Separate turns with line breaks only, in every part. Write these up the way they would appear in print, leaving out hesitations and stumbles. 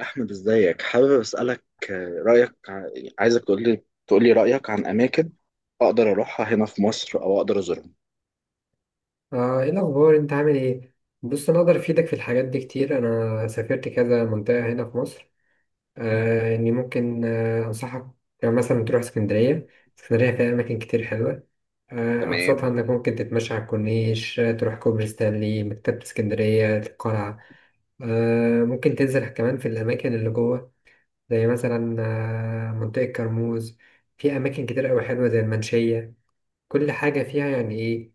أحمد، إزيك؟ حابب أسألك رأيك عايزك تقول لي رأيك عن أماكن أقدر أروحها هنا في مصر أو أقدر أزورهم.
ايه الاخبار، انت عامل ايه؟ بص انا اقدر افيدك في الحاجات دي كتير. انا سافرت كذا منطقه هنا في مصر. اني ممكن انصحك. يعني مثلا تروح اسكندريه. اسكندريه فيها اماكن كتير حلوه. ابسطها
تمام.
انك ممكن تتمشى على الكورنيش. تروح كوبري ستانلي، مكتبه اسكندريه، القلعه. ممكن تنزل كمان في الاماكن اللي جوه، زي مثلا منطقه كرموز. في اماكن كتير قوي حلوه زي المنشيه. كل حاجه فيها يعني ايه،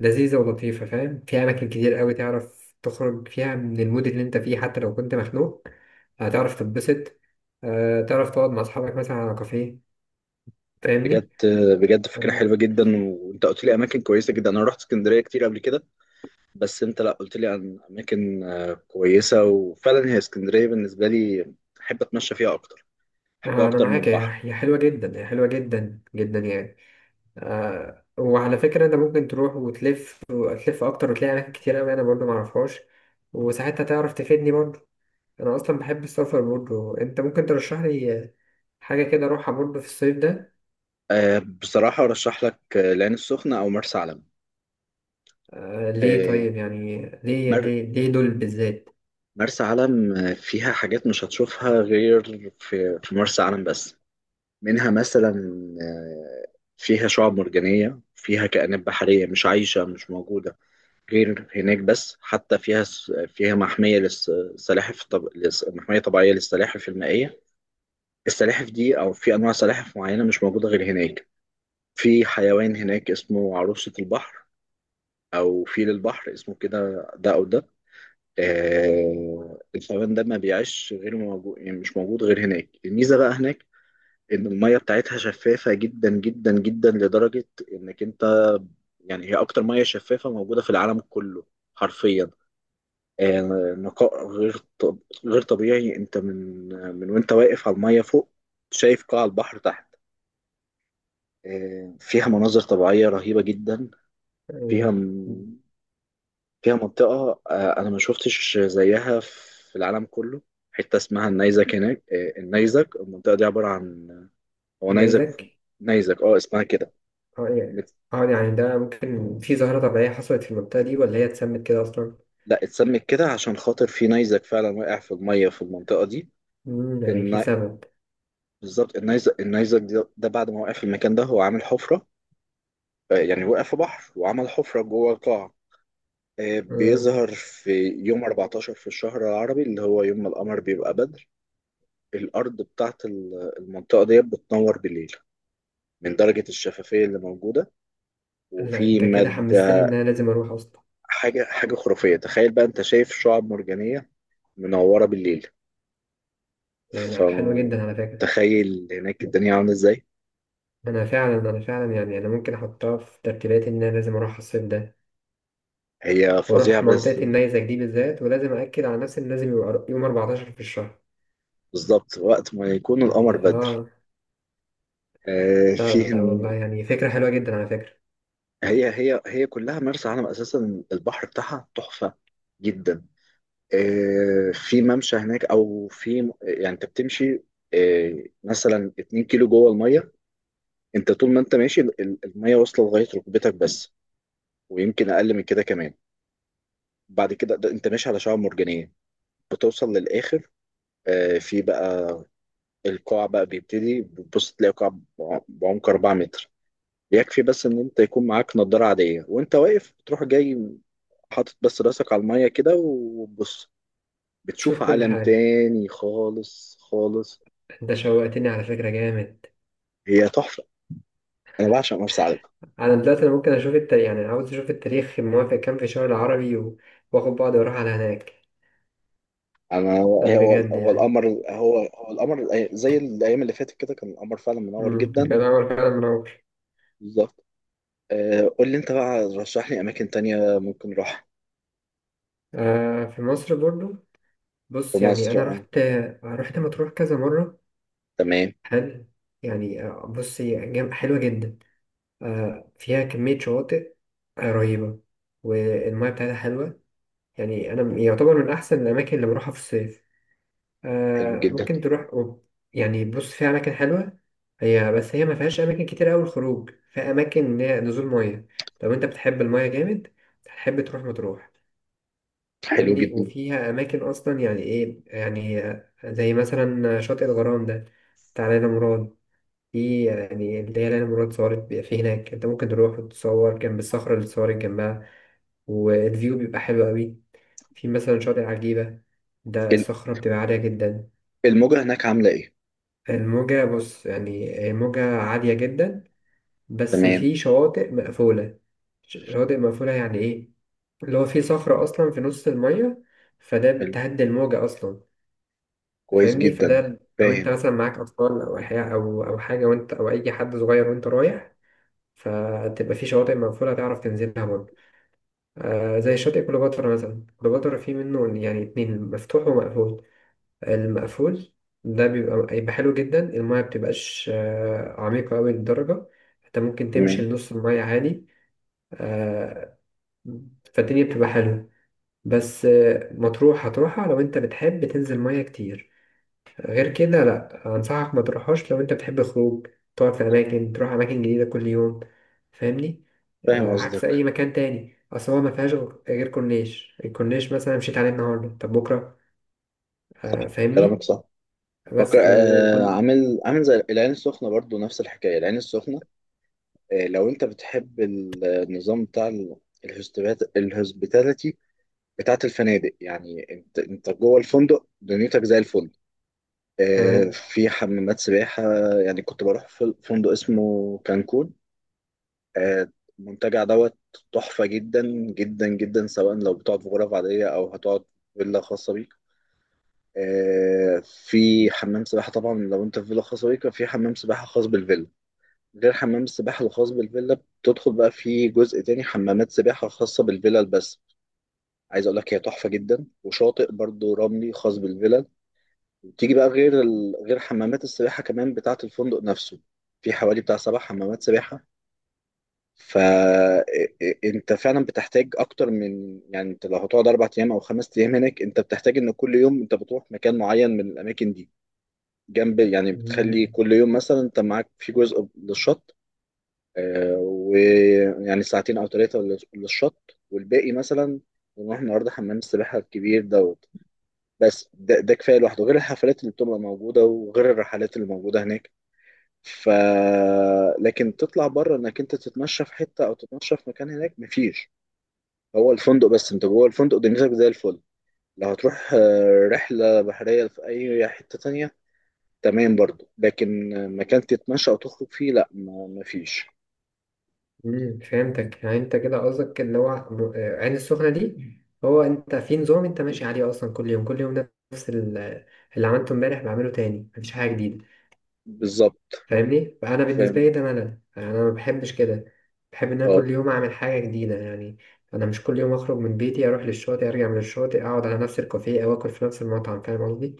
لذيذة ولطيفة، فاهم. في أماكن كتير قوي تعرف تخرج فيها من المود اللي أنت فيه، حتى لو كنت مخنوق هتعرف تتبسط. تعرف تقعد مع أصحابك مثلا على كافيه، فاهمني.
بجد، فكرة
آه،
حلوة جدا وأنت قلت لي أماكن كويسة جدا. أنا رحت اسكندرية كتير قبل كده. بس أنت لا قلت لي عن أماكن كويسة، وفعلا هي اسكندرية بالنسبة لي. أحب أتمشى فيها أكتر. أحبها
أنا
أكتر من
معاك. هي
بحر.
هي حلوة جدا، هي حلوة جدا جدا يعني. وعلى فكرة، أنت ممكن تروح وتلف وتلف أكتر وتلاقي أماكن كتير قوي أنا برضو معرفهاش، وساعتها تعرف تفيدني برضو. أنا أصلا بحب السفر، برضو أنت ممكن ترشح لي حاجة كده أروحها برضو في الصيف ده.
بصراحة أرشح لك العين السخنة أو مرسى علم.
ليه
آه،
طيب؟ يعني ليه
مر-
ليه ليه دول بالذات؟
مرسى علم فيها حاجات مش هتشوفها غير في مرسى علم بس. منها مثلا آه، فيها شعاب مرجانية، فيها كائنات بحرية مش موجودة غير هناك بس. حتى فيها محمية طبيعية للسلاحف المائية. السلاحف دي، أو في أنواع سلاحف معينة مش موجودة غير هناك. في حيوان هناك اسمه عروسة البحر، أو فيل البحر اسمه كده. ده أو ده. الفئران ده ما بيعيش، غير موجود يعني مش موجود غير هناك. الميزة بقى هناك إن المية بتاعتها شفافة جدا جدا جدا، لدرجة إنك أنت، يعني هي أكتر مية شفافة موجودة في العالم كله، حرفيا. آه، نقاء غير طبيعي. أنت من من وأنت واقف على المية فوق، شايف قاع البحر تحت. فيها مناظر طبيعية رهيبة جدا. فيها
آه،
م- فيها منطقة، أنا ما شفتش زيها في العالم كله. حتة اسمها النيزك هناك. النيزك، المنطقة دي عبارة عن، هو
ده
نيزك.
يزكي.
نيزك، اسمها كده.
اه يعني،
مت-
اه يعني ده ممكن في ظاهرة طبيعية حصلت في المنطقة دي ولا هي اتسمت كده أصلا؟
لا، اتسمت كده عشان خاطر في نيزك فعلا واقع في المية في المنطقة دي.
مم، يعني في
الن...
سبب.
بالظبط. النيزك ده بعد ما وقع في المكان ده، هو عامل حفرة. يعني وقع في بحر وعمل حفرة جوه القاع.
مم.
بيظهر في يوم 14 في الشهر العربي، اللي هو يوم ما القمر بيبقى بدر. الأرض بتاعت المنطقة دي بتنور بالليل، من درجة الشفافية اللي موجودة.
لا
وفي
أنت كده حمستني
مادة.
إن أنا لازم أروح أصلا.
حاجة خرافية، تخيل بقى أنت شايف شعاب مرجانية منورة بالليل،
لا لا، حلوة جدا على فكرة.
فتخيل هناك الدنيا عاملة إزاي.
أنا فعلا يعني، أنا ممكن أحطها في ترتيباتي إن أنا لازم أروح الصيف ده
هي فظيعة
وأروح
بس.
منطقة النيزك دي بالذات، ولازم أأكد على نفسي إن لازم يبقى يوم 14 في الشهر.
بالظبط وقت ما يكون القمر
يعني
بدر.
آه.
آه،
لا
فيه
لا والله،
إن-
يعني فكرة حلوة جدا على فكرة.
هي كلها مرسى علم، أساسا البحر بتاعها تحفة جدا. في ممشى هناك، أو في يعني أنت بتمشي مثلا 2 كيلو جوه المية. انت طول ما انت ماشي، الميه واصله لغايه ركبتك بس، ويمكن اقل من كده كمان. بعد كده ده انت ماشي على شعاب مرجانيه، بتوصل للاخر. في بقى، القاع بقى بيبتدي، بتبص تلاقي قاع بعمق 4 متر. يكفي بس ان انت يكون معاك نضاره عاديه، وانت واقف تروح جاي، حاطط بس راسك على الميه كده وبص، بتشوف
تشوف كل
عالم
حاجة.
تاني خالص خالص.
انت شوقتني على فكرة، جامد.
هي تحفه، انا بعشق مرسى علم.
انا دلوقتي انا ممكن اشوف التاريخ، يعني عاوز اشوف التاريخ موافق كام في الشهر العربي واخد بعض واروح على هناك.
انا هو
لا بجد
هو
يعني.
القمر. زي الايام اللي فاتت كده كان القمر فعلا منور
مم.
جدا.
كان عمل فعلا منور.
بالظبط. قول لي انت بقى، رشح لي اماكن تانية ممكن اروح.
في مصر برضو.
في
بص يعني
مصر،
انا
اه.
رحت، رحت مطروح كذا مرة.
تمام.
حلو. يعني بص، حلوة جدا. فيها كمية شواطئ رهيبة، والمياه بتاعتها حلوة. يعني انا يعتبر من احسن الاماكن اللي بروحها في الصيف.
حلو جدا.
ممكن تروح أوروبا. يعني بص، في أماكن حلوة. هي بس هي ما فيهاش أماكن كتير أوي الخروج، في أماكن إن هي نزول مية. لو أنت بتحب المية جامد، هتحب تروح مطروح.
حلو
فاهمني.
جدا.
وفيها أماكن أصلا، يعني إيه؟ يعني زي مثلا شاطئ الغرام ده بتاع ليلى مراد، دي يعني اللي هي ليلى مراد صورت بيبقى في هناك. أنت ممكن تروح وتتصور جنب الصخرة اللي اتصورت جنبها، والفيو بيبقى حلو أوي. في مثلا شاطئ عجيبة، ده
ال-
الصخرة بتبقى عالية جدا.
الموجة هناك عاملة ايه؟
الموجة بص، يعني هي موجة عالية جدا، بس
تمام.
في شواطئ مقفولة. شواطئ مقفولة يعني إيه؟ اللي هو في صخرة أصلا في نص المية، فده
حلو.
بتهدي الموجة أصلا.
كويس
فاهمني.
جدا.
فده لو أنت
فاهم.
مثلا معاك أطفال أو أحياء، أو أو حاجة، وأنت أو أي حد صغير وأنت رايح، فتبقى في شواطئ مقفولة تعرف تنزلها برضه. آه زي شاطئ كليوباترا مثلا. كليوباترا فيه منه يعني اتنين، مفتوح ومقفول. المقفول ده بيبقى هيبقى حلو جدا. المايه مبتبقاش عميقة أوي للدرجة. انت ممكن تمشي
تمام.
لنص المايه عادي. آه، فالدنيا بتبقى حلوة. بس مطروح هتروحها لو انت بتحب تنزل مايه كتير. غير كده لأ، أنصحك ما تروحهاش لو انت بتحب خروج، تقعد في أماكن، تروح أماكن جديدة كل يوم، فاهمني.
فاهم
عكس أي
قصدك.
مكان تاني. أصل هو ما فيهاش غير كورنيش. الكورنيش مثلا مشيت عليه النهاردة، طب بكرة؟
صح. كلامك
فاهمني.
صح. فكر
بس وكل.
عامل زي العين السخنة، برضو نفس الحكاية العين السخنة. لو انت بتحب النظام بتاع الهوسبيتاليتي بتاعت الفنادق، يعني انت جوه الفندق دنيتك زي الفندق.
تمام.
في حمامات سباحة. يعني كنت بروح في فندق اسمه كانكون. آه، المنتجع دوت، تحفة جدا جدا جدا، سواء لو بتقعد في غرف عادية أو هتقعد في فيلا خاصة بيك. في حمام سباحة طبعا. لو انت في فيلا خاصة بيك، في حمام سباحة خاص بالفيلا. غير حمام السباحة الخاص بالفيلا، بتدخل بقى في جزء تاني حمامات سباحة خاصة بالفيلا بس. عايز اقول لك هي تحفة جدا، وشاطئ برضو رملي خاص بالفيلا. تيجي بقى غير حمامات السباحة كمان بتاعة الفندق نفسه. في حوالي بتاع 7 حمامات سباحة. فأنت فعلا بتحتاج أكتر من، يعني أنت لو هتقعد 4 أيام أو 5 أيام هناك، أنت بتحتاج إن كل يوم أنت بتروح مكان معين من الأماكن دي. جنب، يعني
مم.
بتخلي كل يوم مثلا أنت معاك في جزء للشط، ويعني ساعتين أو ثلاثة للشط، والباقي مثلا نروح النهاردة حمام السباحة الكبير ده. بس ده كفايه لوحده، غير الحفلات اللي بتبقى موجوده وغير الرحلات اللي موجوده هناك. ف لكن تطلع بره انك انت تتمشى في حته او تتمشى في مكان هناك، مفيش. هو الفندق بس، انت جوه الفندق دنيتك زي الفل. لو هتروح رحله بحريه في اي حته تانية، تمام برضو، لكن مكان تتمشى او تخرج فيه لا، مفيش.
مم. فهمتك. يعني انت كده قصدك اللي هو عين السخنة دي هو انت في نظام انت ماشي عليه اصلا كل يوم كل يوم، نفس اللي عملته امبارح بعمله تاني، مفيش حاجة جديدة.
بالظبط.
فاهمني. فانا بالنسبة لي
فاهم.
ده ملل، يعني انا ما بحبش كده. بحب ان انا
اه،
كل يوم اعمل حاجة جديدة يعني. انا مش كل يوم اخرج من بيتي اروح للشاطئ، ارجع من الشاطئ اقعد على نفس الكافيه، او اكل في نفس المطعم، فاهم قصدي.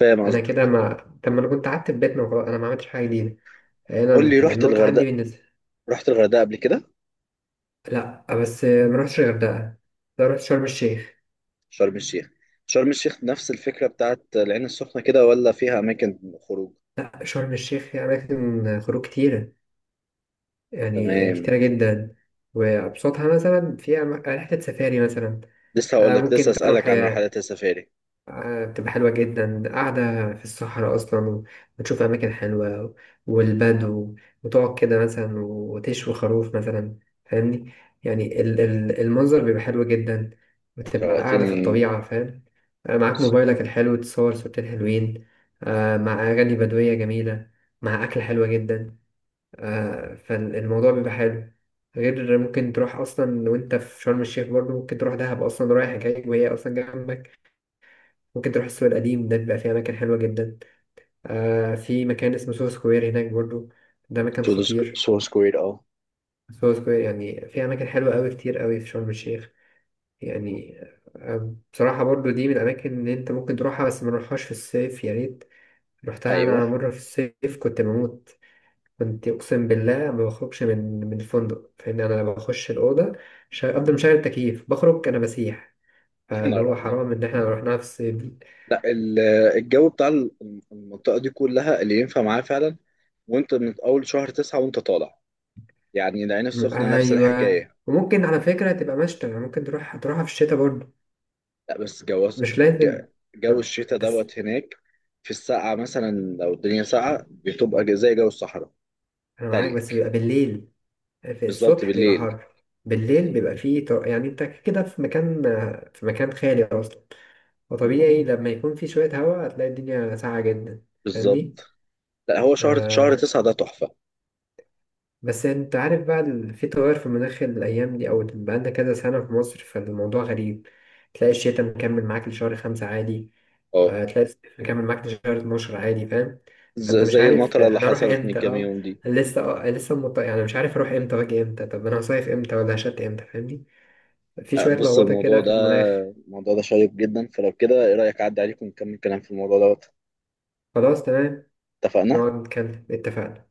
فاهم
انا كده
قصدك.
ما. طب ما انا كنت قعدت في بيتنا وخلاص، انا ما عملتش حاجة جديدة.
قول
هنا
لي، رحت
النقطة عندي
الغردقه؟
بالنسبة.
قبل كده؟
لا بس ما رحتش الغردقة. لا رحت شرم الشيخ.
شرم الشيخ. نفس الفكرة بتاعت العين السخنة كده، ولا فيها أماكن خروج؟
شرم الشيخ فيها أماكن خروج كتيرة، يعني كتيرة
تمام.
جدا. وأبسطها مثلا فيها رحلة سفاري مثلا.
لسه هقول لك لسه
ممكن تروح.
أسألك عن رحلات السفاري.
بتبقى حلوة جدا، قاعدة في الصحراء أصلا وبتشوف أماكن حلوة والبدو، وتقعد كده مثلا وتشوي خروف مثلا، فاهمني. يعني المنظر بيبقى حلو جدا، وتبقى قاعدة في
شوقتني.
الطبيعة، فاهم. معاك موبايلك الحلو، تصور صورتين حلوين، مع أغاني بدوية جميلة، مع أكل حلوة جدا. فالموضوع بيبقى حلو. غير ممكن تروح أصلا، وأنت في شرم الشيخ برضه ممكن تروح دهب أصلا رايح جاي، وهي أصلا جنبك. ممكن تروح السوق القديم، ده بيبقى فيه أماكن حلوة جدا. في مكان اسمه سوهو سكوير هناك برضو، ده مكان
تو
خطير.
سو سكوير، أه.
سوهو سكوير يعني فيه أماكن حلوة أوي، كتير أوي في شرم الشيخ. يعني بصراحة برضو دي من الأماكن اللي أنت ممكن تروحها، بس ما نروحهاش في الصيف يا ريت. رحتها أنا
أيوه.
مرة في الصيف، كنت بموت. كنت أقسم بالله ما بخرجش من الفندق، فإن أنا لما بخش الأوضة، أفضل مشغل التكييف، بخرج أنا بسيح.
يا
فاللي
نهار
هو
أبيض!
حرام إن إحنا رحناها في الصيف.
لا، الجو بتاع المنطقة دي كلها اللي ينفع معاه فعلا، وأنت من أول شهر 9 وأنت طالع. يعني العين السخنة نفس
ايوه،
الحكاية.
وممكن على فكره تبقى مشتى، يعني ممكن تروح هتروحها في الشتاء برضه،
لا بس جو،
مش
ج-
لازم.
جو الشتاء
بس
دوت هناك. في السقعة مثلا، لو الدنيا ساقعة بتبقى زي جو الصحراء،
انا معاك،
تلج.
بس بيبقى بالليل. في
بالظبط،
الصبح بيبقى
بالليل.
حر. بالليل بيبقى فيه يعني انت كده في مكان، في مكان خالي اصلا، وطبيعي لما يكون في شويه هواء هتلاقي الدنيا ساقعه جدا، فاهمني.
بالظبط. لا هو شهر
آه،
تسعة ده تحفة.
بس انت عارف بقى في تغير في المناخ الايام دي، او بقالنا كذا سنه في مصر، فالموضوع غريب. تلاقي الشتاء مكمل معاك لشهر 5 عادي.
اه،
تلاقي الصيف مكمل معاك لشهر 12 عادي، فاهم. فانت مش
زي
عارف
المطرة اللي
انا اروح
حصلت من
امتى.
كام
اه
يوم دي.
لسه. يعني مش عارف اروح امتى واجي امتى، طب انا هصيف امتى ولا هشت امتى، فاهمني. في شويه
بص،
لخبطه كده في المناخ.
الموضوع ده شيق جدا، فلو كده ايه رأيك اعدي عليكم ونكمل كلام في الموضوع ده؟
خلاص تمام.
اتفقنا.
نقعد نتكلم، اتفقنا.